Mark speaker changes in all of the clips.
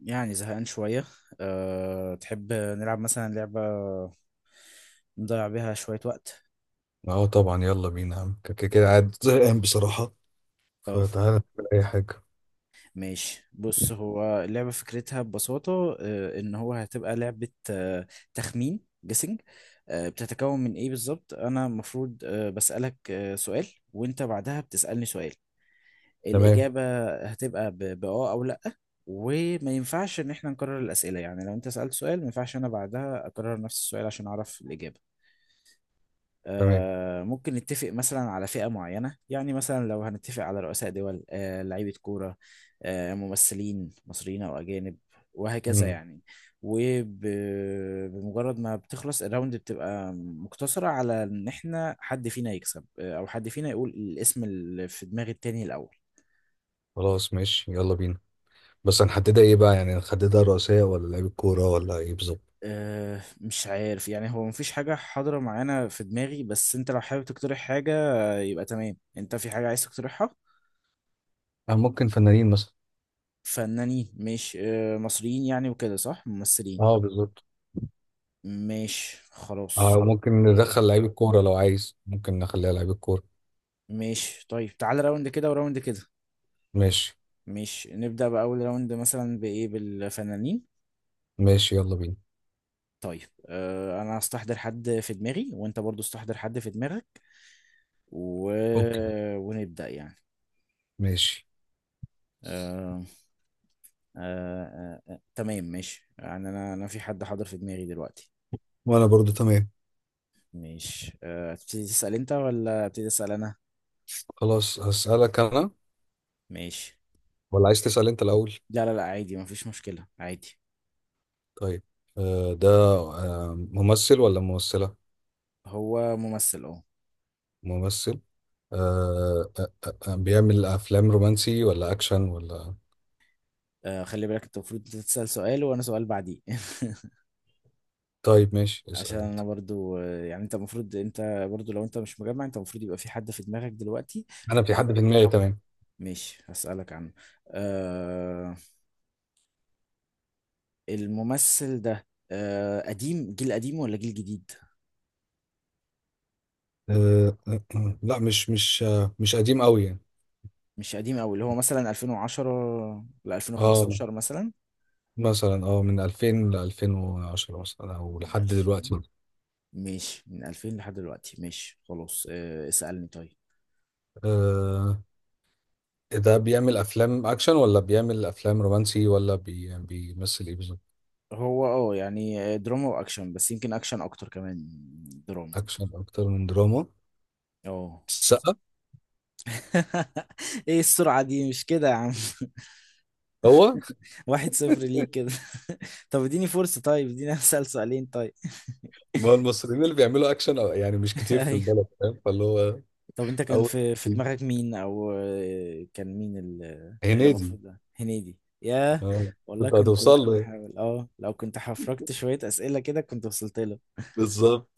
Speaker 1: يعني زهقان شوية. تحب نلعب مثلا لعبة نضيع بيها شوية وقت
Speaker 2: اه طبعا، يلا بينا يا عم. كده كده قاعد زهقان بصراحة،
Speaker 1: أو
Speaker 2: فتعالى نعمل أي حاجة.
Speaker 1: ماشي. بص هو اللعبة فكرتها ببساطة، إن هو هتبقى لعبة تخمين، جيسنج. بتتكون من إيه بالظبط؟ أنا المفروض بسألك سؤال، وأنت بعدها بتسألني سؤال.
Speaker 2: تمام.
Speaker 1: الإجابة هتبقى بأه أو لأ، وما ينفعش إن إحنا نكرر الأسئلة. يعني لو أنت سألت سؤال ما ينفعش أنا بعدها أكرر نفس السؤال عشان أعرف الإجابة.
Speaker 2: تمام.
Speaker 1: ممكن نتفق مثلا على فئة معينة، يعني مثلا لو هنتفق على رؤساء دول، لعيبة كورة، ممثلين مصريين أو أجانب، وهكذا
Speaker 2: مم.
Speaker 1: يعني. وبمجرد ما بتخلص الراوند بتبقى مقتصرة على إن إحنا حد فينا يكسب، أو حد فينا يقول الاسم اللي في دماغ التاني الأول.
Speaker 2: خلاص، ماشي، يلا بينا. بس هنحددها ايه بقى؟ يعني هنحددها رئيسية ولا لعيب الكورة ولا ايه بالظبط؟
Speaker 1: مش عارف يعني، هو مفيش حاجة حاضرة معانا في دماغي، بس أنت لو حابب تقترح حاجة يبقى تمام. أنت في حاجة عايز تقترحها؟
Speaker 2: ممكن فنانين مثلا.
Speaker 1: فنانين مش مصريين يعني وكده، صح؟ ممثلين
Speaker 2: اه، بالظبط.
Speaker 1: مش خلاص.
Speaker 2: اه، ممكن ندخل لعيب الكورة. لو عايز ممكن نخليها لعيب الكورة.
Speaker 1: مش طيب، تعال راوند كده وراوند كده.
Speaker 2: ماشي،
Speaker 1: مش نبدأ بأول راوند مثلا بإيه، بالفنانين؟
Speaker 2: ماشي، يلا بينا.
Speaker 1: طيب أنا هستحضر حد في دماغي وأنت برضو استحضر حد في دماغك و...
Speaker 2: اوكي.
Speaker 1: ونبدأ يعني.
Speaker 2: ماشي،
Speaker 1: آه... تمام ماشي، يعني أنا في حد حاضر في دماغي دلوقتي.
Speaker 2: وانا برضو تمام.
Speaker 1: مش تبتدي تسأل أنت ولا أبتدي أسأل أنا؟
Speaker 2: خلاص، هسألك انا.
Speaker 1: ماشي.
Speaker 2: ولا عايز تسأل انت الأول؟
Speaker 1: لا لا لا، عادي، مفيش مشكلة عادي.
Speaker 2: طيب. ده ممثل ولا ممثلة؟
Speaker 1: هو ممثل اه.
Speaker 2: ممثل. بيعمل افلام رومانسي ولا اكشن ولا...؟
Speaker 1: خلي بالك، انت المفروض تسأل سؤال وانا سؤال بعديه.
Speaker 2: طيب ماشي،
Speaker 1: عشان
Speaker 2: اسال انت.
Speaker 1: انا برضو، يعني انت المفروض، انت برضو، لو انت مش مجمع، انت المفروض يبقى في حد في دماغك دلوقتي.
Speaker 2: انا في
Speaker 1: وانا
Speaker 2: حد في دماغي
Speaker 1: برضو.
Speaker 2: تمام.
Speaker 1: ماشي هسألك عنه. آه، الممثل ده آه قديم، جيل قديم ولا جيل جديد؟
Speaker 2: لا، مش قديم قوي يعني.
Speaker 1: مش قديم قوي، اللي هو مثلا 2010 ل
Speaker 2: اه،
Speaker 1: 2015 مثلا؟
Speaker 2: مثلا من 2000 ل 2010 مثلا او
Speaker 1: من
Speaker 2: لحد
Speaker 1: 2000.
Speaker 2: دلوقتي.
Speaker 1: ماشي، من 2000 لحد دلوقتي. ماشي خلاص، آه اسألني طيب.
Speaker 2: آه، ده بيعمل افلام اكشن ولا بيعمل افلام رومانسي ولا بيمثل ايه بالظبط؟
Speaker 1: هو اه يعني دراما واكشن، بس يمكن اكشن اكتر كمان من دراما.
Speaker 2: اكشن اكتر من دراما.
Speaker 1: اه.
Speaker 2: السقا.
Speaker 1: ايه السرعة دي؟ مش كده يا عم.
Speaker 2: هو
Speaker 1: واحد صفر ليك كده. طب اديني فرصة، طيب اديني اسأل سؤالين طيب.
Speaker 2: ما هو المصريين اللي بيعملوا اكشن أو- يعني مش كتير في
Speaker 1: ايوه.
Speaker 2: البلد، فاهم؟ فاللي هو.
Speaker 1: طب انت كان
Speaker 2: اول،
Speaker 1: في دماغك مين؟ او كان مين اللي
Speaker 2: هنيدي.
Speaker 1: المفروض؟ ده هنيدي؟ ياه،
Speaker 2: اه.
Speaker 1: والله
Speaker 2: كنت
Speaker 1: كنت
Speaker 2: هتوصل
Speaker 1: ممكن
Speaker 2: له ايه
Speaker 1: احاول. اه لو كنت حفركت شوية اسئلة كده كنت وصلت له.
Speaker 2: بالظبط؟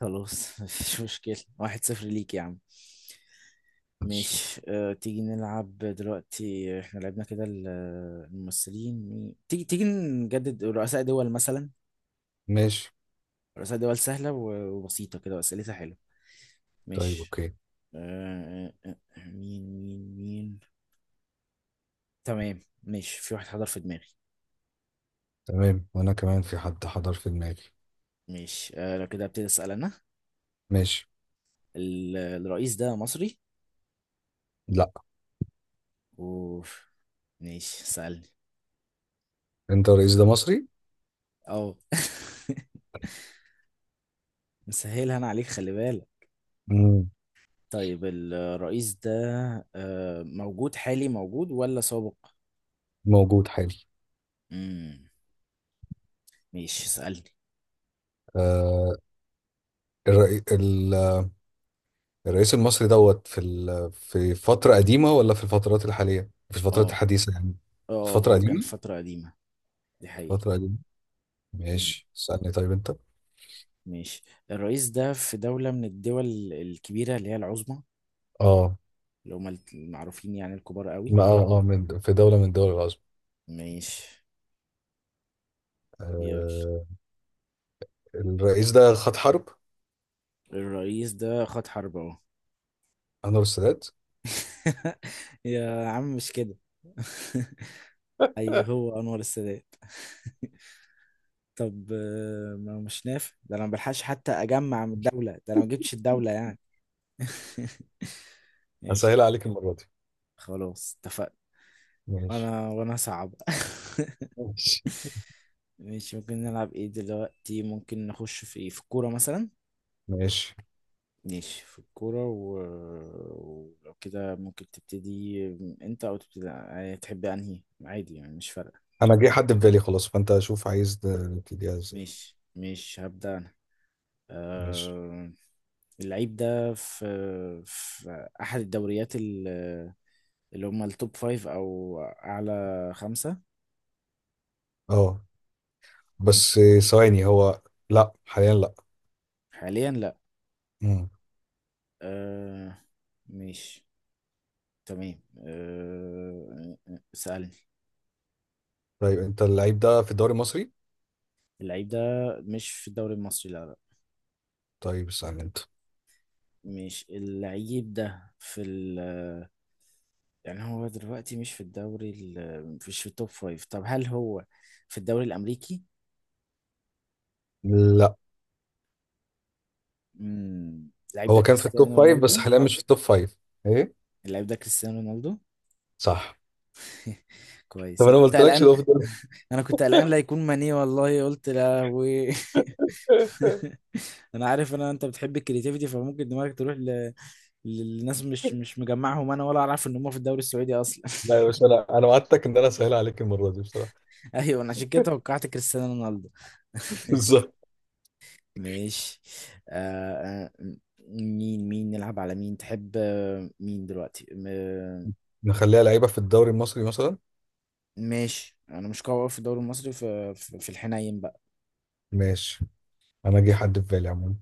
Speaker 1: خلاص مفيش مشكلة، واحد صفر ليك يا عم.
Speaker 2: ماشي.
Speaker 1: ماشي. تيجي نلعب دلوقتي، احنا لعبنا كده الممثلين. تيجي نجدد رؤساء دول مثلا.
Speaker 2: ماشي.
Speaker 1: رؤساء دول سهلة وبسيطة كده وأسئلتها حلوة.
Speaker 2: طيب،
Speaker 1: ماشي.
Speaker 2: اوكي.
Speaker 1: أه أه، أه، مين مين مين؟ تمام ماشي، في واحد حضر في دماغي.
Speaker 2: تمام، وانا كمان في حد حضر في دماغي.
Speaker 1: ماشي، لو كده ابتدي أسأل أنا.
Speaker 2: ماشي.
Speaker 1: الرئيس ده مصري؟
Speaker 2: لا.
Speaker 1: اوف. ماشي، سألني.
Speaker 2: انت، الرئيس ده مصري؟
Speaker 1: اه. مسهلها أنا عليك، خلي بالك.
Speaker 2: مم.
Speaker 1: طيب الرئيس ده موجود حالي موجود ولا سابق؟
Speaker 2: موجود حالي.
Speaker 1: امم، ماشي اسألني.
Speaker 2: آه الرئي... ال... الرئيس المصري دوت في فترة قديمة ولا في الفترات الحالية، في الفترات
Speaker 1: اه
Speaker 2: الحديثة يعني؟
Speaker 1: اه
Speaker 2: فترة
Speaker 1: هو كان
Speaker 2: قديمة.
Speaker 1: فترة قديمة، دي حقيقة.
Speaker 2: فترة قديمة.
Speaker 1: امم
Speaker 2: ماشي، اسألني طيب انت.
Speaker 1: ماشي. الرئيس ده في دولة من الدول الكبيرة اللي هي العظمى،
Speaker 2: اه،
Speaker 1: اللي هم المعروفين يعني الكبار قوي.
Speaker 2: ما من في دولة من دول العظمى.
Speaker 1: ماشي يلا.
Speaker 2: آه الرئيس ده خد حرب.
Speaker 1: الرئيس ده خد حرب اهو.
Speaker 2: انور السادات.
Speaker 1: يا عم مش كده. اي هو انور السادات. طب ما مش نافع ده، انا ما بلحقش حتى اجمع من الدولة، ده انا ما جبتش الدولة يعني.
Speaker 2: هسهل
Speaker 1: ماشي،
Speaker 2: عليك المرة دي.
Speaker 1: خلاص اتفقنا.
Speaker 2: ماشي.
Speaker 1: وانا صعب.
Speaker 2: ماشي.
Speaker 1: ماشي. ممكن نلعب ايه دلوقتي؟ ممكن نخش في ايه، في الكورة مثلا؟
Speaker 2: ماشي.
Speaker 1: ماشي في الكورة و... ولو كده ممكن تبتدي انت، او تبتدي يعني تحب انهي، عادي يعني مش فارقة.
Speaker 2: انا جه حد في بالي خلاص، فانت شوف عايز ده- نبتديها ازاي؟
Speaker 1: ماشي ماشي، هبدأ انا.
Speaker 2: ماشي.
Speaker 1: أه... اللعيب ده في احد الدوريات اللي هم التوب فايف او اعلى خمسة.
Speaker 2: اه بس ثواني هو. لا، حاليا لا.
Speaker 1: حاليا لا.
Speaker 2: مم.
Speaker 1: أه... ماشي تمام. سألني.
Speaker 2: طيب، انت اللعيب ده في الدوري المصري؟
Speaker 1: اللعيب ده مش في الدوري المصري، لا لا.
Speaker 2: طيب استنى انت.
Speaker 1: مش اللعيب ده في ال... يعني هو دلوقتي مش في الدوري مش في التوب فايف. طب هل هو في الدوري الأمريكي؟
Speaker 2: لا،
Speaker 1: مم. اللعيب ده
Speaker 2: هو كان في التوب
Speaker 1: كريستيانو
Speaker 2: فايف بس
Speaker 1: رونالدو.
Speaker 2: حاليا مش في التوب فايف. ايه.
Speaker 1: اللعيب ده كريستيانو رونالدو.
Speaker 2: صح. طب
Speaker 1: كويس، انا
Speaker 2: انا ما
Speaker 1: كنت
Speaker 2: قلتلكش
Speaker 1: قلقان.
Speaker 2: ده في الدوري.
Speaker 1: انا كنت قلقان لا يكون ماني، والله قلت لا. و انا عارف ان انت بتحب الكرياتيفيتي، فممكن دماغك تروح ل... للناس مش مش مجمعهم انا، ولا اعرف ان هم في الدوري السعودي اصلا.
Speaker 2: لا يا باشا، انا وعدتك ان انا اسهل عليك المره دي بصراحه.
Speaker 1: ايوه، انا عشان كده توقعت كريستيانو رونالدو.
Speaker 2: بالظبط.
Speaker 1: ماشي. آه آه، مين مين نلعب على مين؟ تحب مين دلوقتي
Speaker 2: نخليها لعيبه في الدوري المصري مثلا.
Speaker 1: ماشي. انا مش قوي أوي في الدوري المصري، في الحنين بقى.
Speaker 2: ماشي. انا جه حد في بالي عموما.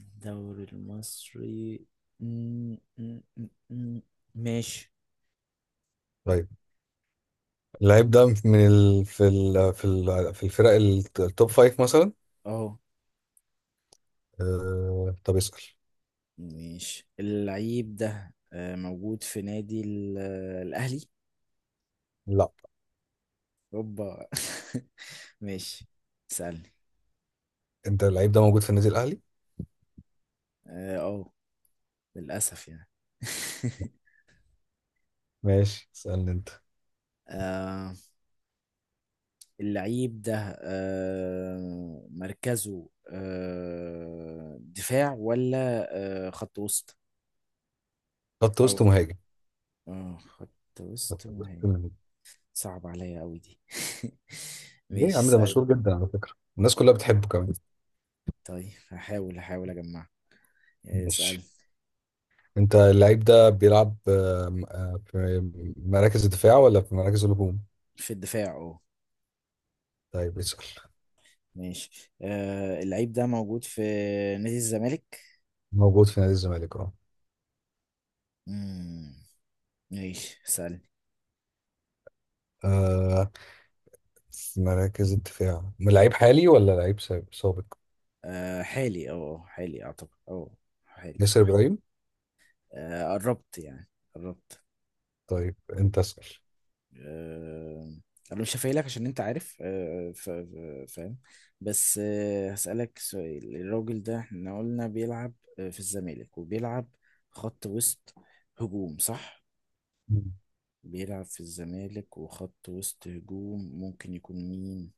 Speaker 1: الدوري المصري. م- م- م- م- ماشي.
Speaker 2: طيب، اللعيب ده من ال... في ال... في ال... التوب فايف مثلا.
Speaker 1: اهو.
Speaker 2: طب اسأل.
Speaker 1: ماشي. اللعيب ده موجود في نادي الأهلي؟
Speaker 2: لا.
Speaker 1: اوبا. ماشي اسألني.
Speaker 2: انت اللعيب ده موجود في النادي الاهلي؟
Speaker 1: اه للأسف يعني.
Speaker 2: ماشي، اسألني انت.
Speaker 1: آه، اللعيب ده آه مركزه آه دفاع ولا خط وسط؟
Speaker 2: خط وسط
Speaker 1: او
Speaker 2: مهاجم.
Speaker 1: خط
Speaker 2: خط
Speaker 1: وسط ما
Speaker 2: وسط
Speaker 1: هي.
Speaker 2: مهاجم.
Speaker 1: صعب عليا قوي دي.
Speaker 2: ليه يا
Speaker 1: ماشي
Speaker 2: عم؟ ده
Speaker 1: اسأل.
Speaker 2: مشهور جدا على فكرة. الناس كلها بتحبه كمان.
Speaker 1: طيب هحاول اجمع.
Speaker 2: ماشي.
Speaker 1: اسأل.
Speaker 2: انت اللعيب ده بيلعب آم، آه، في مراكز الدفاع ولا في مراكز الهجوم؟
Speaker 1: في الدفاع اه.
Speaker 2: طيب اسأل.
Speaker 1: ماشي. آه، اللعيب ده موجود في نادي الزمالك.
Speaker 2: موجود في نادي الزمالك، اه.
Speaker 1: مم. ماشي سألني.
Speaker 2: آه، في مراكز الدفاع لعيب حالي ولا لعيب سابق؟
Speaker 1: آه حالي، اه حالي اعتقد، اه حالي.
Speaker 2: ياسر ابراهيم.
Speaker 1: آه قربت يعني، قربت.
Speaker 2: طيب انت اسأل.
Speaker 1: آه انا مش هفايلك عشان انت عارف، آه فاهم. بس آه هسألك سؤال. الراجل ده احنا قلنا بيلعب في الزمالك، وبيلعب خط وسط هجوم صح؟
Speaker 2: مم.
Speaker 1: بيلعب في الزمالك وخط وسط هجوم، ممكن يكون مين؟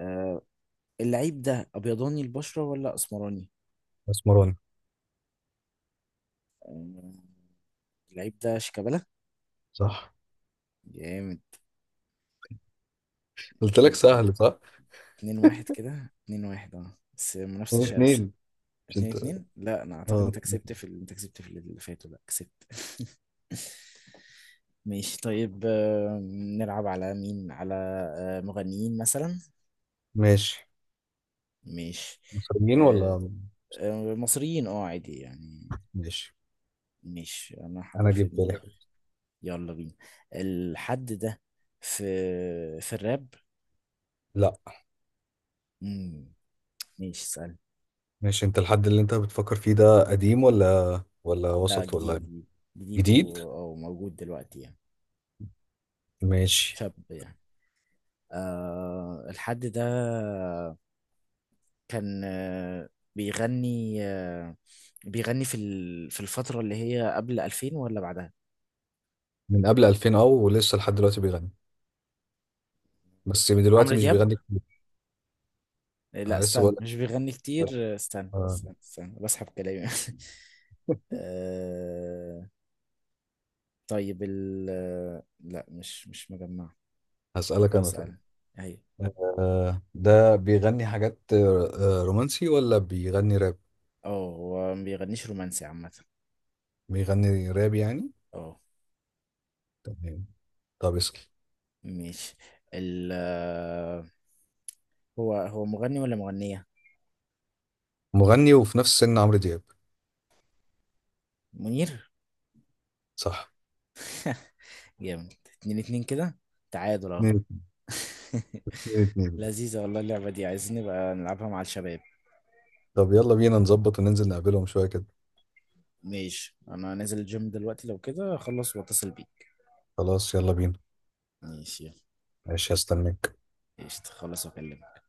Speaker 1: آه، اللعيب ده ابيضاني البشرة ولا اسمراني؟
Speaker 2: مسمارون.
Speaker 1: آه، اللعيب ده شيكابالا.
Speaker 2: صح.
Speaker 1: جامد
Speaker 2: قلت لك
Speaker 1: كده.
Speaker 2: سهل، صح؟
Speaker 1: اتنين واحد كده، اتنين واحد اه، بس منافسة
Speaker 2: اتنين
Speaker 1: شرسة.
Speaker 2: اتنين. مش
Speaker 1: اتنين
Speaker 2: انت.
Speaker 1: اتنين، لا انا اعتقد
Speaker 2: اه.
Speaker 1: انت كسبت انت كسبت في اللي فاتوا. لا كسبت. ماشي طيب. نلعب على مين؟ على مغنيين مثلا.
Speaker 2: ماشي.
Speaker 1: ماشي.
Speaker 2: مصريين
Speaker 1: آه،
Speaker 2: ولا...؟
Speaker 1: مصريين اه عادي يعني.
Speaker 2: ماشي.
Speaker 1: ماشي، انا
Speaker 2: انا
Speaker 1: حاضر في
Speaker 2: جبت لك.
Speaker 1: دماغي. يلا بينا. الحد ده في الراب؟
Speaker 2: لا.
Speaker 1: امم، ماشي اسأل.
Speaker 2: ماشي، انت الحد اللي انت بتفكر فيه ده قديم ولا
Speaker 1: لا
Speaker 2: وسط
Speaker 1: جديد
Speaker 2: ولا...؟
Speaker 1: جديد جديد
Speaker 2: جديد.
Speaker 1: او موجود دلوقتي يعني،
Speaker 2: ماشي.
Speaker 1: شاب يعني. آه الحد ده كان آه بيغني، آه بيغني في الفترة اللي هي قبل 2000 ولا بعدها؟
Speaker 2: من قبل 2000 او ولسه لحد دلوقتي بيغني؟ بس من دلوقتي
Speaker 1: عمرو
Speaker 2: مش
Speaker 1: دياب.
Speaker 2: بيغني كتير.
Speaker 1: آه، لا
Speaker 2: انا لسه
Speaker 1: استنى،
Speaker 2: بقول لك.
Speaker 1: مش بيغني كتير. آه، استنى
Speaker 2: آه،
Speaker 1: استنى استنى بسحب كلامي. آه. طيب ال... لا مش مش مجمع.
Speaker 2: هسألك
Speaker 1: طب
Speaker 2: انا طيب.
Speaker 1: اسأل هي.
Speaker 2: ده بيغني حاجات رومانسي ولا بيغني راب؟
Speaker 1: اه هو ما بيغنيش رومانسي عامة.
Speaker 2: بيغني راب يعني.
Speaker 1: اه.
Speaker 2: تمام. طب اسأل.
Speaker 1: ماشي. ال آه، هو هو مغني ولا مغنية؟
Speaker 2: مغني وفي نفس سن عمرو دياب.
Speaker 1: منير.
Speaker 2: صح.
Speaker 1: جامد، اتنين اتنين كده، تعادل اهو.
Speaker 2: اتنين اتنين. اتنين.
Speaker 1: لذيذة والله اللعبة دي، عايزين نبقى نلعبها مع الشباب.
Speaker 2: طب يلا بينا نظبط وننزل نقابلهم شوية كده.
Speaker 1: ماشي، انا نازل الجيم دلوقتي، لو كده اخلص واتصل بيك.
Speaker 2: خلاص، يلا بينا.
Speaker 1: ماشي.
Speaker 2: ماشي، هستناك.
Speaker 1: يلا قشطة، خلص واكلمك.